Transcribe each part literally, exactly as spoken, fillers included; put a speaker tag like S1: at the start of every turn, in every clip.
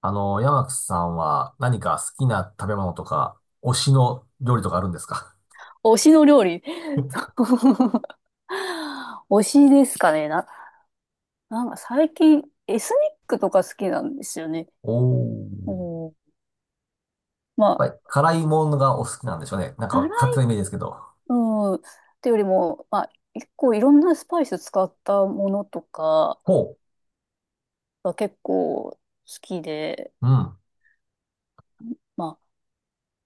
S1: あの、山木さんは何か好きな食べ物とか、推しの料理とかあるんですか？
S2: 推しの料理。そう推しですかね。な、なんか最近エスニックとか好きなんですよね。
S1: おー。
S2: うん、ま
S1: や
S2: あ、
S1: っぱり辛いものがお好きなんでしょうね。なん
S2: 辛
S1: か勝手
S2: い、
S1: なイメージですけど。
S2: うん、ってよりも、まあ、結構いろんなスパイス使ったものとか
S1: ほ
S2: が結構好きで、
S1: う。うん。
S2: まあ、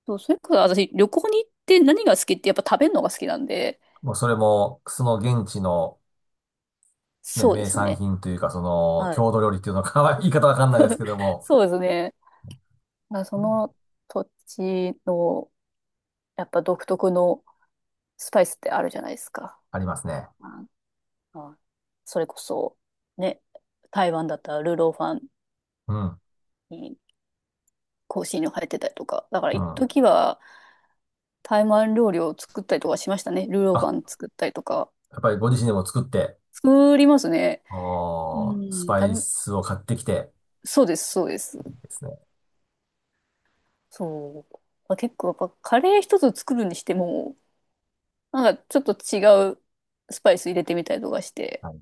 S2: そうそれから私旅行に行って何が好きってやっぱ食べるのが好きなんで、
S1: もうそれも、その現地のね、
S2: そうで
S1: 名
S2: す
S1: 産
S2: ね。
S1: 品というか、その、
S2: はい。
S1: 郷土料理っていうのか、言い方わかんないですけども、
S2: そうですね。まあそ
S1: うん
S2: の土地のやっぱ独特のスパイスってあるじゃないですか。
S1: ありますね。
S2: ああそれこそ、ね、台湾だったらルーローファン
S1: うん。
S2: に香辛料入ってたりとか。だから
S1: う
S2: 一
S1: ん。
S2: 時は台湾料理を作ったりとかしましたね。ルーローファ
S1: あ、
S2: ン作ったりとか。
S1: やっぱりご自身でも作って、
S2: 作りますね。う
S1: おー、ス
S2: ん、
S1: パイ
S2: 食べ、
S1: スを買ってきて、
S2: そうです、そうです。
S1: ですね。
S2: そう。まあ、結構やっぱカレー一つ作るにしても、なんかちょっと違うスパイス入れてみたりとかして。
S1: はい。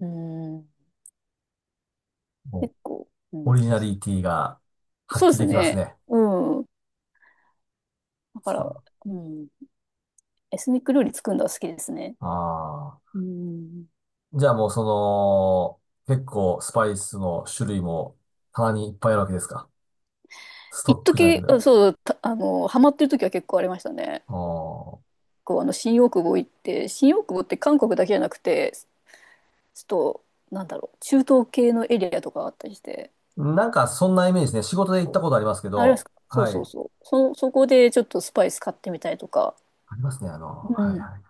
S2: うん、
S1: もう
S2: 結構、う
S1: オ
S2: ん、
S1: リジナリティが
S2: そうで
S1: 発揮
S2: す
S1: できます
S2: ね。
S1: ね。
S2: うん。だ
S1: そ
S2: か
S1: っ
S2: ら、
S1: か。
S2: うん。エスニック料理作るのが好きですね。
S1: ああ。
S2: うん。
S1: じゃあもうその、結構スパイスの種類も棚にいっぱいあるわけですか？スト
S2: 一
S1: ックじゃないけ
S2: 時、
S1: ど。
S2: あそう、たあの、ハマってる時は結構ありましたね。
S1: ああ。
S2: こう、あの、新大久保行って、新大久保って韓国だけじゃなくて、ちょっと、なんだろう、中東系のエリアとかあったりして、
S1: なんかそんなイメージですね。仕事で行っ
S2: そ
S1: た
S2: う、
S1: ことありますけ
S2: あれです
S1: ど、
S2: か、そう
S1: は
S2: そう
S1: い。
S2: そう、そ、そこでちょっとスパイス買ってみたりとか、
S1: ありますね、あの、
S2: う
S1: はい
S2: ん、
S1: はい。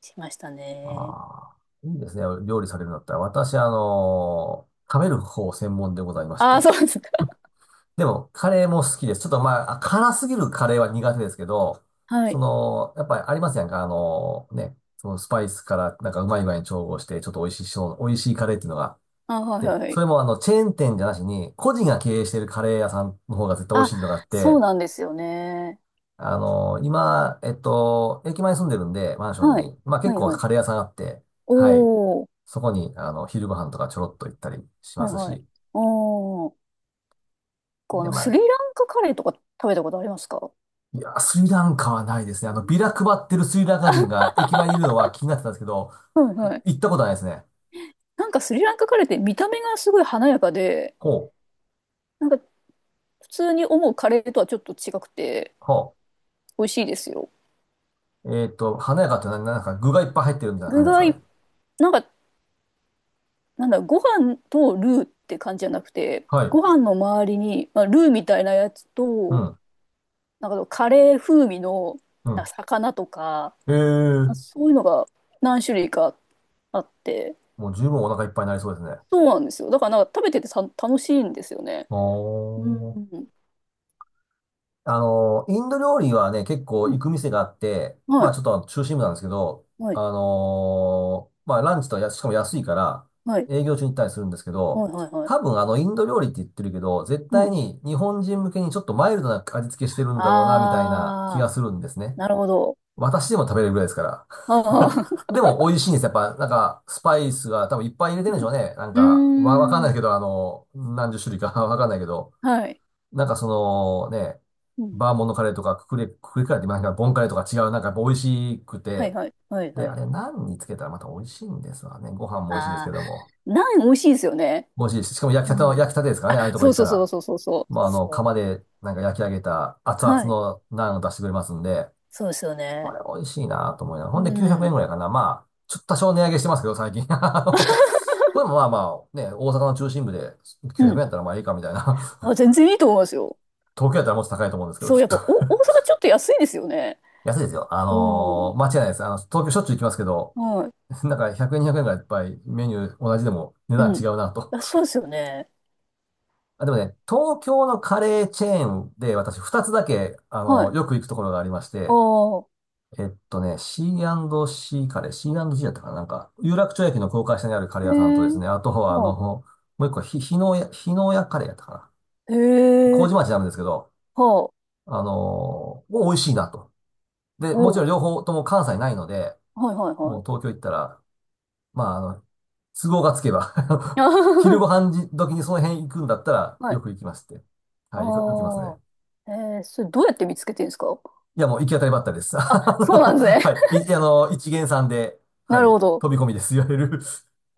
S2: しましたね。
S1: ああ。いいですね。料理されるんだったら。私、あの、食べる方専門でございまし
S2: ああ、
S1: て。
S2: そうですか。
S1: でも、カレーも好きです。ちょっとまあ、辛すぎるカレーは苦手ですけど、
S2: は
S1: そ
S2: い。
S1: の、やっぱりありますやんか、あの、ね、そのスパイスからなんかうまい具合に調合して、ちょっと美味しいしょう、美味しいカレーっていうのが。
S2: あ、はい
S1: で、
S2: は
S1: そ
S2: い。
S1: れもあの、チェーン店じゃなしに、個人が経営しているカレー屋さんの方が絶対美味
S2: あ、
S1: しいのがあっ
S2: そ
S1: て、
S2: うなんですよね。
S1: あの、今、えっと、駅前に住んでるんで、マンション
S2: はい。
S1: に、まあ結
S2: はい
S1: 構
S2: はい。
S1: カレー屋さんあって、はい、
S2: おー、
S1: そこに、あの、昼ご飯とかちょろっと行ったりしま
S2: はい
S1: す
S2: はい。
S1: し、
S2: おー。構あ
S1: で、
S2: の、
S1: まあ、
S2: スリランカカレーとか食べたことありますか？
S1: いや、スリランカはないですね。あ
S2: う
S1: の、
S2: ん
S1: ビラ配ってるスリランカ人が駅前にいるのは気になってたんですけど、
S2: はいはい。
S1: 行ったことはないですね。
S2: なんかスリランカカレーって見た目がすごい華やかで、
S1: ほう、
S2: なんか普通に思うカレーとはちょっと違くて
S1: ほ
S2: 美味しいですよ。
S1: う。えっと、華やかって、な、なんか具がいっぱい入ってるみたいな感
S2: 具
S1: じ
S2: が
S1: なんですか
S2: い、
S1: ね。
S2: なんか、なんだろう、ご飯とルーって感じじゃなくて、
S1: はい。
S2: ご飯の周りに、まあ、ルーみたいなやつ
S1: う
S2: と、
S1: ん、
S2: なんかカレー風味の
S1: う
S2: なん
S1: ん。
S2: か魚とか、ま
S1: え
S2: あ
S1: え
S2: そういうのが何種類かあって、
S1: もう十分お腹いっぱいになりそうですね。
S2: そうなんですよ。だからなんか食べててさ楽しいんですよね。
S1: お
S2: う
S1: ー。
S2: ん
S1: あの、インド料理はね、結
S2: う
S1: 構行
S2: ん、
S1: く店があって、
S2: は
S1: まあち
S2: い。
S1: ょっと中心部なんですけど、
S2: は
S1: あ
S2: い、
S1: のーまあランチとや、しかも安いから、
S2: はい、
S1: 営業中に行ったりするんですけど、
S2: はい、はい、はい。
S1: 多分あのインド料理って言ってるけど、絶
S2: う
S1: 対
S2: ん。
S1: に日本人向けにちょっとマイルドな味付けしてるんだろうな、みたいな気
S2: あ
S1: がするんです
S2: ー、
S1: ね。
S2: なるほど。
S1: 私でも食べれるぐらいですから。
S2: あ ー、
S1: でも美味しいんですやっぱ、なんか、スパイスが多分いっぱい入れ てるんで
S2: う
S1: しょ
S2: ん。
S1: うね。なん
S2: うー
S1: か、わ、わかんない
S2: ん。
S1: けど、あの、何十種類か わかんないけど。
S2: はい。
S1: なんかそのね、
S2: うん。
S1: バーモントカレーとかククレ、ククレカレーって言いますか、ボンカレーとか違う、なんかやっぱ美味しく
S2: はい、
S1: て、
S2: はい、はい、
S1: で、
S2: は
S1: あ
S2: い。
S1: れ何につけたらまた美味しいんですわね。ご飯も美味しいですけ
S2: あ
S1: ども。
S2: ー、ナン美味しいですよね。
S1: 美味しいし、しかも焼き
S2: う
S1: たての、
S2: ん。
S1: 焼きたてですからね、ああいうとこ
S2: そ
S1: 行
S2: う
S1: っ
S2: そ
S1: た
S2: うそう
S1: ら。
S2: そうそうそう。
S1: まあ、あの、釜
S2: そ
S1: でなんか焼き上げた熱
S2: う。
S1: 々
S2: はい。
S1: のナンを出してくれますんで、
S2: そうですよ
S1: こ
S2: ね。
S1: れ美味しいなと思いながら。ほ
S2: う
S1: んできゅうひゃくえん
S2: ん。
S1: ぐらいかな。まあ、ちょっと多少値上げしてますけど、最近。あの、これもまあまあ、ね、大阪の中心部で
S2: う
S1: きゅうひゃくえん
S2: ん。
S1: やったらまあいいかみたいな。
S2: あ、全然いいと思いますよ。
S1: 東京やったらもっと高いと思うんですけど、
S2: そ
S1: き
S2: う、
S1: っ
S2: やっ
S1: と。
S2: ぱ、お、大阪ちょっと安いですよね。
S1: 安いですよ。あ
S2: う
S1: の
S2: ん。
S1: ー間違いないです。あの、東京しょっちゅう行きますけど、
S2: は
S1: なんかひゃくえん、にひゃくえんぐらいいっぱいメニュー同じでも値
S2: い。
S1: 段
S2: う
S1: 違
S2: ん。
S1: うなと。
S2: あ、そうですよね。
S1: あ、でもね、東京のカレーチェーンで私ふたつだけ、あ
S2: は
S1: の
S2: い。
S1: ーよく行くところがありまし
S2: あ
S1: て、
S2: あ、
S1: えっとね、シーアンドシー カレー、シーアンドジー だったかな、なんか、有楽町駅の高架下にあるカレ
S2: へ
S1: ー屋さんと
S2: え、
S1: ですね、あとはあ
S2: あ
S1: の、
S2: あ、
S1: もう一個ひ、日野屋、日野屋カレーやったかな。
S2: へえ、
S1: 麹町なんですけど、
S2: はあ。
S1: あのーもう美味しいなと。で、も
S2: お
S1: ちろん
S2: う、
S1: 両方とも関西ないので、
S2: はいはいは
S1: も
S2: い。
S1: う東京行ったら、まあ、あの、都合がつけば
S2: あは
S1: 昼
S2: は
S1: ご飯時時にその辺行くんだったら、
S2: は
S1: よ
S2: い。
S1: く行きまして。
S2: あ
S1: はい、よく行きますね。
S2: あ。えー、それどうやって見つけてるんですか？
S1: いや、もう行き当たりばったりです。
S2: あ、
S1: あ
S2: そうな
S1: の
S2: んですね。
S1: はい。い、あの、一見さんで、は
S2: なる
S1: い、
S2: ほど。
S1: 飛び込みです。いわゆる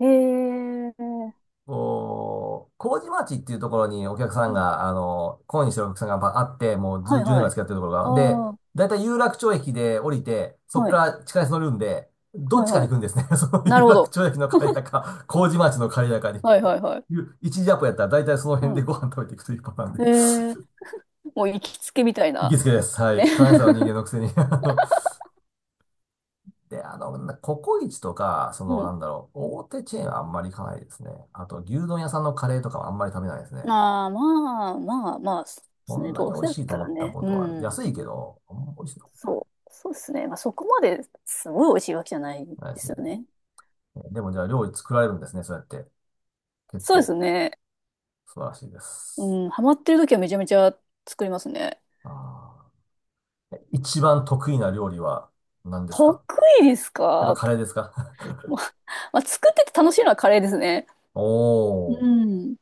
S2: えー、
S1: こ う、麹町っていうところにお客さん
S2: うん。
S1: が、あの、懇意にしてるお客さんがあって、もう
S2: は
S1: ず、
S2: い
S1: じゅうねんぐ
S2: は
S1: らい
S2: い。
S1: 付き合ってるところ
S2: あ
S1: が。
S2: あ、
S1: で、
S2: は
S1: だいたい有楽町駅で降りて、そこか
S2: い。
S1: ら地下鉄乗るんで、どっ
S2: はい
S1: ちかに
S2: はい。
S1: 行くんですね。その
S2: な
S1: 有
S2: るほ
S1: 楽
S2: ど。
S1: 町駅の帰りだか、麹町の帰りだかに。
S2: はいはいはい。
S1: いう一時アポやったら大体その辺
S2: う
S1: で
S2: ん。
S1: ご飯食べていくというパターン
S2: え
S1: で
S2: ー、もう行きつけみたい
S1: 行
S2: な。
S1: きつけです。は
S2: ね。
S1: い。関西の人間のくせに あので、あの、なココイチとか、そ
S2: う
S1: の、
S2: ん。
S1: なんだろう、大手チェーンはあんまり行かないですね。あと、牛丼屋さんのカレーとかはあんまり食べないですね。
S2: ああ、まあまあまあ、そうで
S1: こ
S2: すね。
S1: んな
S2: ど
S1: に
S2: う
S1: 美
S2: せ
S1: 味
S2: だっ
S1: しいと
S2: た
S1: 思
S2: ら
S1: った
S2: ね。
S1: こ
S2: う
S1: とは、安いけ
S2: ん。
S1: ど、あんま美味しいと思ったこ
S2: そう。そうですね。まあそこまですごい美味しいわけじゃないで
S1: とないです
S2: す
S1: ね。
S2: よね。
S1: でもじゃあ料理作られるんですね、そうやって。結
S2: そうです
S1: 構、
S2: ね。
S1: 素晴らしいです。
S2: うん、ハマってる時はめちゃめちゃ作りますね。
S1: あー、え一番得意な料理は何です
S2: 得
S1: か？
S2: 意です
S1: やっぱ
S2: か？
S1: カレーですか？
S2: まあ、作ってて楽しいのはカレーですね。
S1: お
S2: う
S1: ー。
S2: ん。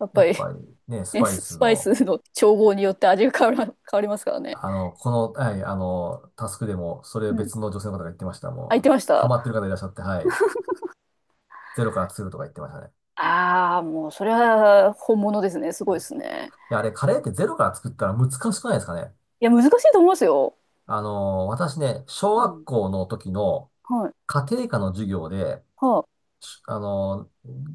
S2: やっ
S1: や
S2: ぱ
S1: っ
S2: り、
S1: ぱりね、ス
S2: ね、
S1: パイ
S2: スス
S1: ス
S2: パイ
S1: の、
S2: スの調合によって味が変わら、変わりますからね。
S1: あの、この、はい、あの、タスクでも、それを
S2: うん。
S1: 別の女性の方が言ってました。
S2: あ、言
S1: も
S2: って
S1: う、
S2: まし
S1: ハ
S2: た？
S1: マってる方いらっしゃって、はい、ゼロから作るとか言ってましたね。
S2: ああー、もう、それは本物ですね。すごいですね。
S1: いや、あれ、カレーってゼロから作ったら難しくないですかね。
S2: いや、難しいと思いますよ。
S1: あの、私ね、小
S2: う
S1: 学
S2: ん。
S1: 校の時の
S2: はい。
S1: 家庭科の授業で、
S2: は
S1: あの、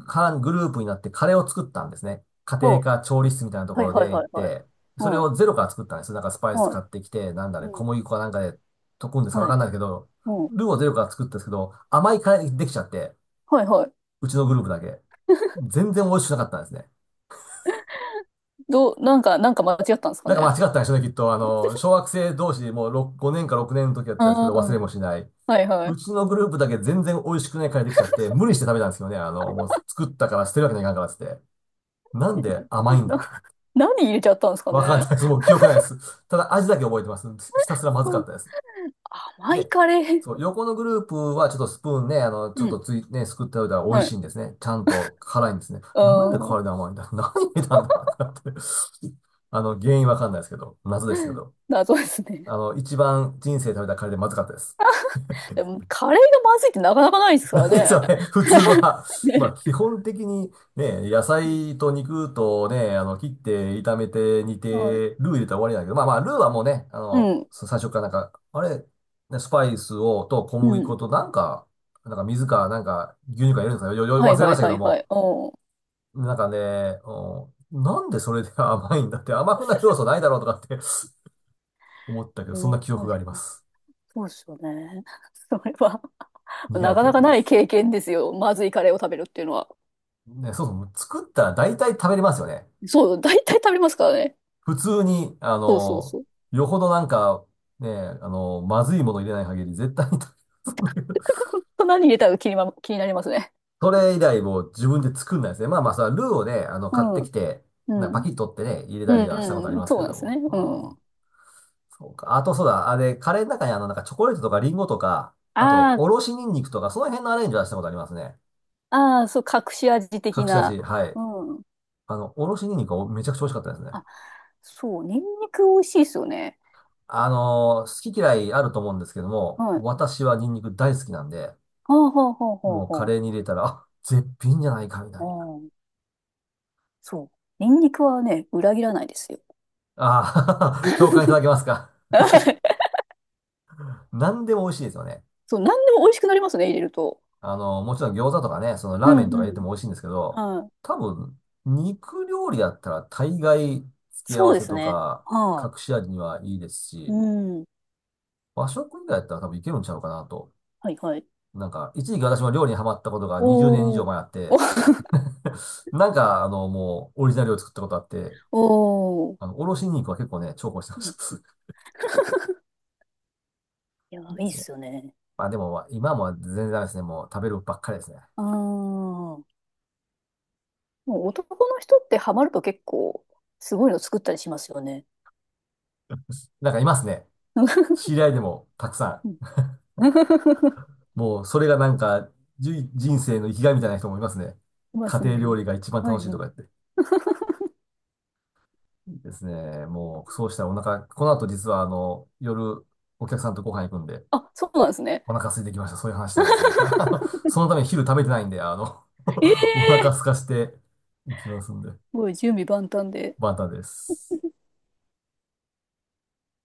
S1: かグループになってカレーを作ったんですね。家
S2: あ、
S1: 庭
S2: は
S1: 科調理室みたいなと
S2: あ、
S1: こ
S2: はい
S1: ろ
S2: はい
S1: で行
S2: は
S1: っ
S2: いはい。
S1: て、それ
S2: はい、
S1: をゼロから作ったんです。なんかスパイス
S2: は
S1: 買ってきて、なんだ
S2: い。う
S1: ね、小
S2: ん。
S1: 麦粉かなんかで溶くんですかわ
S2: は
S1: かん
S2: い。
S1: ないけど、
S2: うん。
S1: ルーをゼロから作ったんですけど、甘いカレーできちゃって、
S2: はいはい。
S1: うちのグループだけ。全然美味しくなかったんですね。
S2: どう、なんか、なんか間違ったんですか
S1: なんか間
S2: ね。
S1: 違ったんでしょうね、きっと。あの、小学生同士でもう6 ごねんかろくねんの時だったんですけ
S2: あ
S1: ど、忘れ
S2: あ、
S1: もしない。
S2: はいはい。
S1: うちのグループだけ全然美味しくないカレーできちゃって、無理して食べたんですよね。あの、もう作ったから捨てるわけにはいかんからっつって。なんで甘いんだとか言って。
S2: 何入れちゃったんですか
S1: わかん
S2: ね。
S1: ないです。もう記憶ないです。ただ味だけ覚えてます。ひたすらまずか
S2: そ
S1: っ
S2: う、
S1: たです。
S2: 甘い
S1: で、
S2: カレー。
S1: そう、横のグループはちょっとスプーンね、あの、ち
S2: う
S1: ょっ
S2: ん。
S1: とつい、ね、すくっておいたら美味
S2: は
S1: しい
S2: い。
S1: んですね。ちゃんと辛いんですね。
S2: う
S1: なんで
S2: ーん。
S1: 辛いで甘いんだ 何入れたんだってなって。あの、原因わかんないですけど、謎ですけど。
S2: 謎ですね。
S1: あの、一番人生で食べたカレーでまずかったです。
S2: でも、カレーがまずいってなかなかないで すから
S1: 何
S2: ね。
S1: それ、普通は、まあ
S2: ね。
S1: 基本的にね、野
S2: うん。
S1: 菜と肉とね、あの、切って炒めて煮
S2: はい。
S1: て、ルー入れたら終わりだけど、まあまあ、ルーはもうね、あ
S2: う
S1: の、
S2: ん。
S1: さ最初からなんか、あれ、ね、スパイスを、と小
S2: う
S1: 麦
S2: ん。
S1: 粉となんか、なんか水か、なんか牛乳か入れるんですかよ、よ、よ
S2: はい
S1: 忘れ
S2: は
S1: ま
S2: い
S1: したけ
S2: は
S1: ど
S2: いは
S1: も、
S2: い。う
S1: なんかね、うんなんでそれで甘いんだって、甘
S2: ん。
S1: くなる要 素ないだろうとかって 思ったけど、
S2: う
S1: そんな
S2: ん、
S1: 記憶
S2: 確
S1: が
S2: か
S1: ありま
S2: に
S1: す。
S2: そうですよね。それは
S1: 苦
S2: な
S1: い
S2: か
S1: 記
S2: なか
S1: 憶で
S2: ない
S1: す。
S2: 経験ですよ。まずいカレーを食べるっていうのは。
S1: ね、そうそう、作ったら大体食べれますよね。
S2: そう、大体食べますからね。
S1: 普通に、あ
S2: そうそう
S1: の、
S2: そう。
S1: よほどなんか、ね、あの、まずいもの入れない限り絶対に
S2: だから本当何入れたか気にま、気になりますね。
S1: それ以来もう自分で作んないですね。まあまあ、それはルーをね、あの、
S2: う
S1: 買って
S2: ん。
S1: きて、
S2: う
S1: なんかパ
S2: ん。
S1: キッと取ってね、入れ
S2: う
S1: たりはしたことあ
S2: ん
S1: り
S2: うん。
S1: ます
S2: そう
S1: け
S2: なんで
S1: ど
S2: すね。
S1: も。
S2: う
S1: う
S2: ん。
S1: ん。そうか。あとそうだ。あれ、カレーの中にあの、なんかチョコレートとかリンゴとか、あと、
S2: ああ、
S1: おろしニンニクとか、その辺のアレンジはしたことありますね。
S2: ああ、そう、隠し味的
S1: 隠し味。
S2: な。
S1: はい。
S2: うん。
S1: あの、おろしニンニクはめちゃくちゃ美味しかったですね。
S2: あ、そう、ニンニク美味しいですよね。
S1: あの、好き嫌いあると思うんですけども、
S2: はい。
S1: 私はニンニク大好きなんで、
S2: ほうほうほうほう
S1: もうカ
S2: ほ
S1: レーに入れたら、あ、絶品じゃないかみたいな。
S2: う。うん。そう。ニンニクはね、裏切らないですよ。
S1: ああ、共感いただけますか？何でも美味しいですよね。
S2: そう、何でも美味しくなりますね、入れると。
S1: あの、もちろん餃子とかね、その
S2: う
S1: ラーメン
S2: ん
S1: とか入
S2: う
S1: れて
S2: ん。
S1: も美味しいんですけど、
S2: はい。
S1: 多分、肉料理だったら大概付け合
S2: そう
S1: わ
S2: で
S1: せ
S2: す
S1: と
S2: ね。
S1: か
S2: は
S1: 隠し味にはいいです
S2: い。う
S1: し、
S2: ん。
S1: 和食以外だったら多分いけるんちゃうかなと。
S2: はいはい。
S1: なんか、一時期私も料理にハマったことがにじゅうねん以
S2: お
S1: 上
S2: ー。
S1: 前あって、なんか、あの、もう、オリジナルを作ったことあって、
S2: おお。
S1: あの、おろし肉は結構ね、重宝してま
S2: うん
S1: した。
S2: いや、
S1: いい
S2: い
S1: で
S2: いっ
S1: すね。
S2: すよね。
S1: まあでも、今も全然ダメですね。もう食べるばっかりですね。
S2: ああ。もう男の人ってハマると結構、すごいの作ったりしますよね。
S1: なんかいますね。知 り合いでもたくさ ん。もうそれがなんか、じゅ人生の生きがいみたいな人もいますね。
S2: いま
S1: 家
S2: す
S1: 庭料
S2: ね。
S1: 理が一番
S2: は
S1: 楽
S2: い
S1: しい
S2: は
S1: とか
S2: い。
S1: 言って。ですね。もう、そうしたらお腹、この後実はあの、夜、お客さんとご飯行くんで、
S2: あ、そうなんですね。
S1: お腹空いてきました。そういう話したらですね。あの、そのために昼食べてないんで、あの
S2: ええ
S1: お腹空
S2: す
S1: かしていきますんで。
S2: ごい準備万端で。
S1: バタです。